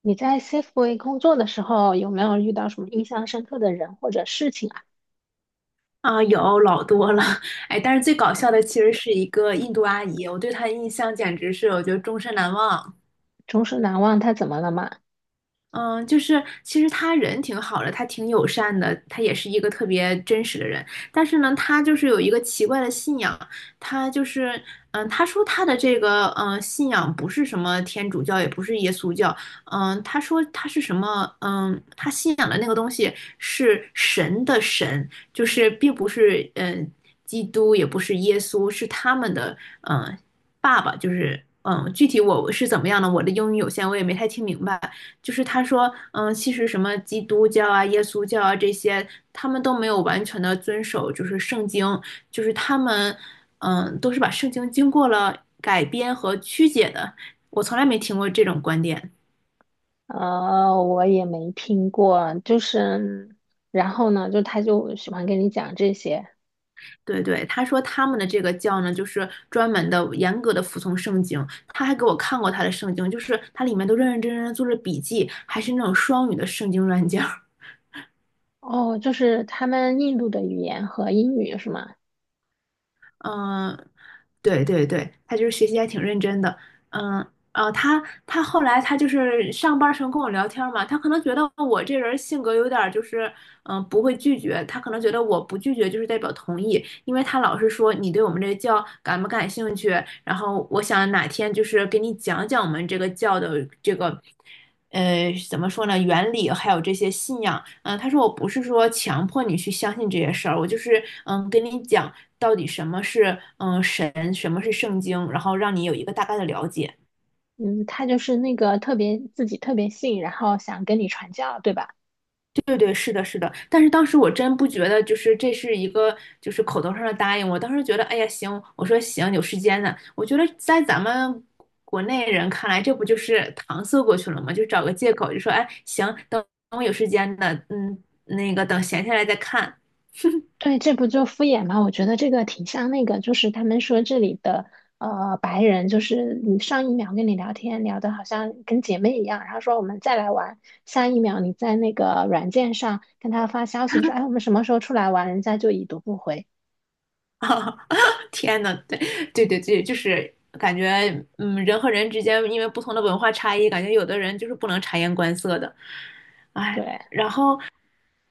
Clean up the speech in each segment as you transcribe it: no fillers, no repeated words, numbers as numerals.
你在 Safeway 工作的时候，有没有遇到什么印象深刻的人或者事情啊？啊，有老多了，哎，但是最搞笑的其实是一个印度阿姨，我对她的印象简直是我觉得终身难忘。终身难忘，他怎么了嘛？嗯，就是其实他人挺好的，他挺友善的，他也是一个特别真实的人。但是呢，他就是有一个奇怪的信仰，他就是嗯，他说他的这个信仰不是什么天主教，也不是耶稣教，他说他是什么？嗯，他信仰的那个东西是神的神，就是并不是基督，也不是耶稣，是他们的嗯爸爸，就是。嗯，具体我是怎么样呢？我的英语有限，我也没太听明白。就是他说，其实什么基督教啊、耶稣教啊这些，他们都没有完全的遵守，就是圣经，就是他们，都是把圣经经过了改编和曲解的。我从来没听过这种观点。我也没听过，就是，然后呢，就他就喜欢跟你讲这些。对对，他说他们的这个教呢，就是专门的、严格的服从圣经。他还给我看过他的圣经，就是他里面都认认真真的做着笔记，还是那种双语的圣经软件儿。哦，就是他们印度的语言和英语是吗？嗯，对对对，他就是学习还挺认真的，嗯他后来他就是上班儿时候跟我聊天儿嘛，他可能觉得我这人性格有点儿就是不会拒绝，他可能觉得我不拒绝就是代表同意，因为他老是说你对我们这个教感不感兴趣，然后我想哪天就是给你讲讲我们这个教的这个。怎么说呢？原理还有这些信仰，他说我不是说强迫你去相信这些事儿，我就是跟你讲到底什么是神，什么是圣经，然后让你有一个大概的了解。嗯，他就是那个特别自己特别信，然后想跟你传教，对吧？对对对，是的，是的，但是当时我真不觉得，就是这是一个就是口头上的答应。我当时觉得，哎呀，行，我说行，有时间呢。我觉得在咱们国内人看来，这不就是搪塞过去了吗？就找个借口，就说，哎，行，等等我有时间的，那个等闲下来再看。对，这不就敷衍吗？我觉得这个挺像那个，就是他们说这里的白人，就是你上一秒跟你聊天聊的好像跟姐妹一样，然后说我们再来玩，下一秒你在那个软件上跟他发消息说，哎，我们什么时候出来玩，人家就已读不回。天呐，对对对对，就是感觉，人和人之间因为不同的文化差异，感觉有的人就是不能察言观色的，哎，对，然后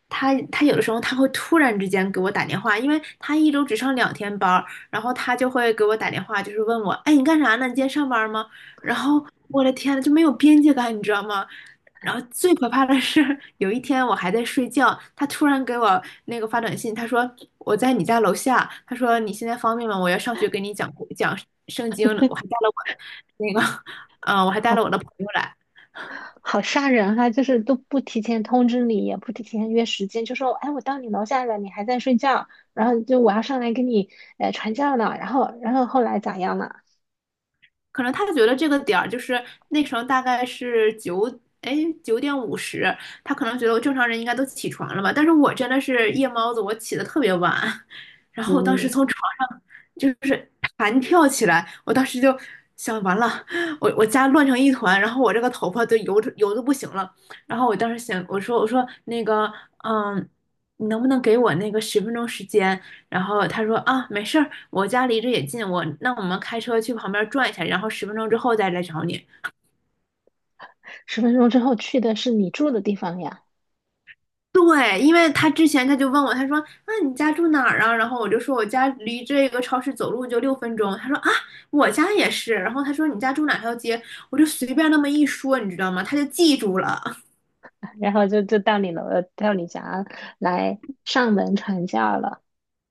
他有的时候他会突然之间给我打电话，因为他一周只上两天班儿，然后他就会给我打电话，就是问我，哎，你干啥呢？你今天上班吗？然后我的天呐，就没有边界感，你知道吗？然后最可怕的是，有一天我还在睡觉，他突然给我那个发短信，他说我在你家楼下，他说你现在方便吗？我要上去给你讲讲圣经呢。那个，我还带了我的好朋友来。好吓人哈，就是都不提前通知你，也不提前约时间，就说，哎，我到你楼下了，你还在睡觉，然后就我要上来跟你传教呢，然后后来咋样了？可能他觉得这个点儿就是那时候大概是哎，9:50，他可能觉得我正常人应该都起床了吧，但是我真的是夜猫子，我起得特别晚，然后我当时嗯。从床上就是弹跳起来，我当时就想完了，我家乱成一团，然后我这个头发都油得油的不行了，然后我当时想，我说那个，嗯，你能不能给我那个十分钟时间？然后他说啊，没事儿，我家离这也近，我们开车去旁边转一下，然后十分钟之后再来找你。10分钟之后去的是你住的地方呀，对，因为他之前他就问我，他说那你家住哪儿啊？然后我就说我家离这个超市走路就6分钟。他说啊，我家也是。然后他说你家住哪条街？我就随便那么一说，你知道吗？他就记住了。然后就到你到你家来上门传教了。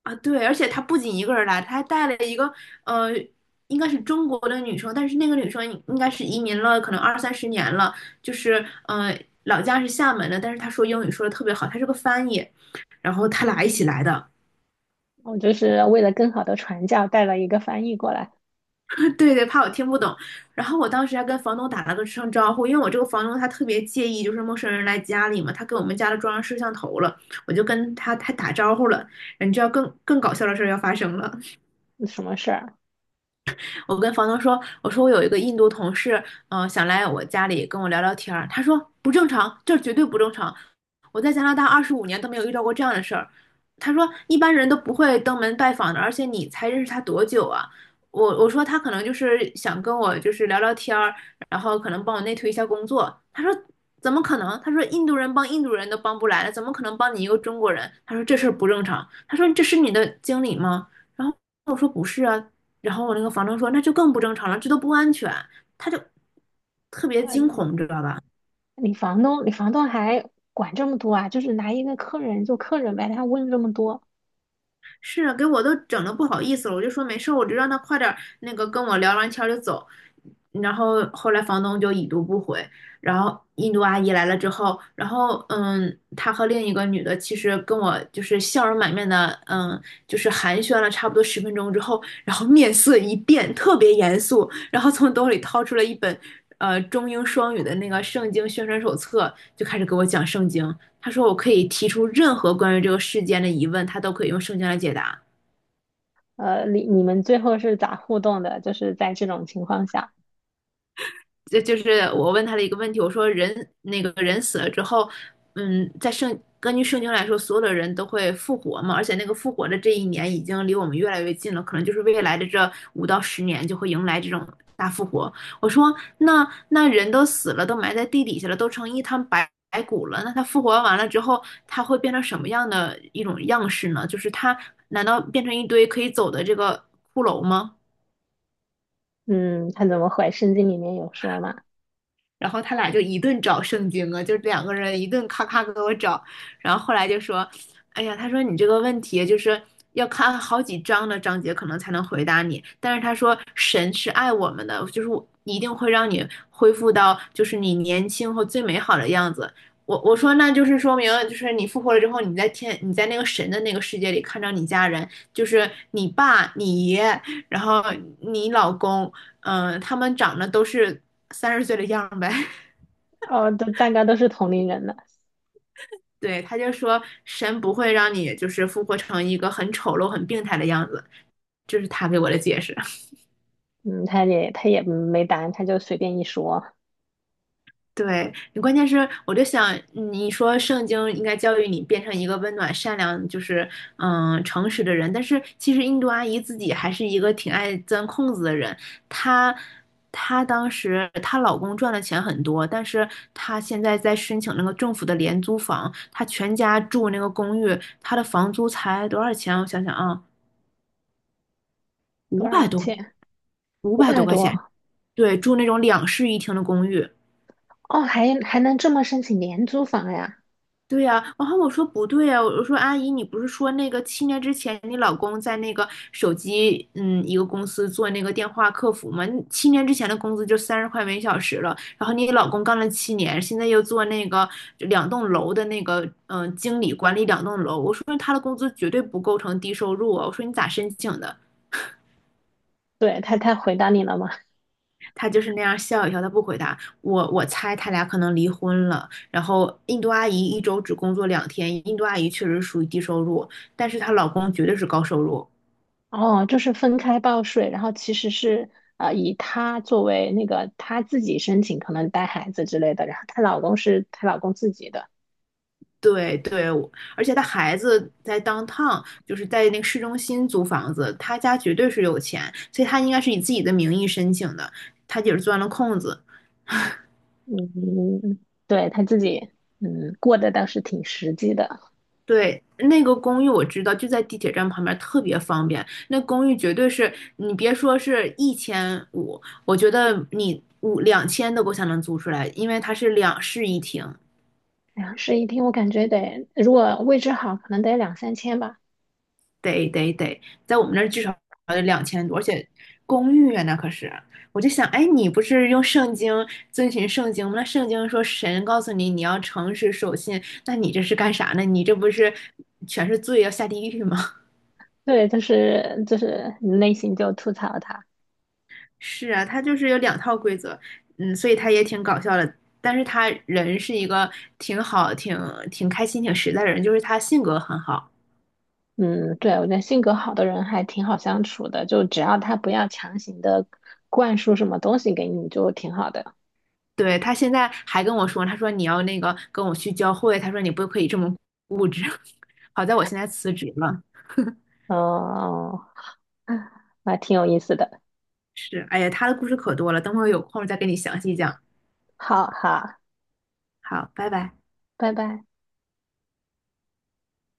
啊，对，而且他不仅一个人来，他还带了一个呃，应该是中国的女生，但是那个女生应该是移民了，可能二三十年了，就是老家是厦门的，但是她说英语说的特别好，她是个翻译，然后他俩一起来的，我就是为了更好的传教，带了一个翻译过来，对对，怕我听不懂，然后我当时还跟房东打了个声招呼，因为我这个房东他特别介意就是陌生人来家里嘛，他给我们家都装上摄像头了，我就跟他打招呼了，你知道更搞笑的事儿要发生了。嗯什么事儿？我跟房东说，我说我有一个印度同事，想来我家里跟我聊聊天儿。他说不正常，这绝对不正常。我在加拿大25年都没有遇到过这样的事儿。他说一般人都不会登门拜访的，而且你才认识他多久啊？我说他可能就是想跟我就是聊聊天儿，然后可能帮我内推一下工作。他说怎么可能？他说印度人帮印度人都帮不来了，怎么可能帮你一个中国人？他说这事儿不正常。他说这是你的经理吗？然后我说不是啊，然后我那个房东说那就更不正常了，这都不安全，他就特别惊呃，恐，你知道吧？你房东，你房东还管这么多啊？就是拿一个客人就客人呗，他问这么多。是啊，给我都整的不好意思了，我就说没事儿，我就让他快点儿那个跟我聊完天儿就走。然后后来房东就已读不回，然后印度阿姨来了之后，然后她和另一个女的其实跟我就是笑容满面的，就是寒暄了差不多十分钟之后，然后面色一变，特别严肃，然后从兜里掏出了一本中英双语的那个圣经宣传手册，就开始给我讲圣经。他说我可以提出任何关于这个事件的疑问，他都可以用圣经来解答。你你们最后是咋互动的？就是在这种情况下，就是我问他的一个问题，我说那个人死了之后，根据圣经来说，所有的人都会复活嘛，而且那个复活的这一年已经离我们越来越近了，可能就是未来的这5到10年就会迎来这种大复活。我说那那人都死了，都埋在地底下了，都成一滩白骨了，那他复活完了之后，他会变成什么样的一种样式呢？就是他难道变成一堆可以走的这个骷髅吗？嗯，他怎么回？圣经里面有说嘛？然后他俩就一顿找圣经啊，就两个人一顿咔咔给我找，然后后来就说，哎呀，他说你这个问题就是要看好几章的章节可能才能回答你，但是他说神是爱我们的，就是我一定会让你恢复到就是你年轻和最美好的样子。我说那就是说明就是你复活了之后，你在那个神的那个世界里看到你家人，就是你爸、你爷，然后你老公，他们长得都是30岁的样儿呗。哦，都大家都是同龄人的，对，他就说神不会让你就是复活成一个很丑陋、很病态的样子，这是他给我的解释。嗯，他也没答案，他就随便一说。对，你关键是我就想，你说圣经应该教育你变成一个温暖、善良，就是诚实的人，但是其实印度阿姨自己还是一个挺爱钻空子的人。她她当时她老公赚的钱很多，但是她现在在申请那个政府的廉租房，她全家住那个公寓，她的房租才多少钱？我想想啊，五多百少多，钱？五五百多百块钱。多对，住那种两室一厅的公寓。哦，还还能这么申请廉租房呀？对呀、然后我说不对呀、我说阿姨，你不是说那个七年之前你老公在那个手机一个公司做那个电话客服吗？你七年之前的工资就30块每小时了，然后你老公干了七年，现在又做那个两栋楼的那个经理管理两栋楼，我说他的工资绝对不构成低收入啊，我说你咋申请的？对，他回答你了吗？他就是那样笑一笑，他不回答我。我猜他俩可能离婚了。然后印度阿姨一周只工作两天，印度阿姨确实属于低收入，但是她老公绝对是高收入。哦，就是分开报税，然后其实是以她作为那个她自己申请，可能带孩子之类的，然后她老公是她老公自己的。对对，而且她孩子在 downtown，就是在那个市中心租房子，她家绝对是有钱，所以她应该是以自己的名义申请的，她姐是钻了空子。嗯，嗯对，她自己，嗯，过得倒是挺实际的。对，那个公寓我知道，就在地铁站旁边，特别方便。那公寓绝对是你别说是1500，我觉得你五两千都够呛能租出来，因为它是两室一厅，两室一厅，我感觉得如果位置好，可能得2、3千吧。得得得，在我们那儿至少得2000多，而且公寓啊，那可是。我就想，哎，你不是用圣经遵循圣经吗？那圣经说神告诉你你要诚实守信，那你这是干啥呢？你这不是全是罪要下地狱吗？对，就是就是内心就吐槽她。是啊，他就是有两套规则，所以他也挺搞笑的。但是他人是一个挺好、挺开心、挺实在的人，就是他性格很好。嗯，对，我觉得性格好的人还挺好相处的，就只要他不要强行的灌输什么东西给你，就挺好的。对，他现在还跟我说，他说你要那个跟我去教会，他说你不可以这么固执。好在我现在辞职了。哦，嗯还挺有意思的。是，哎呀，他的故事可多了，等会儿有空再给你详细讲。好好，好，拜拜。拜拜。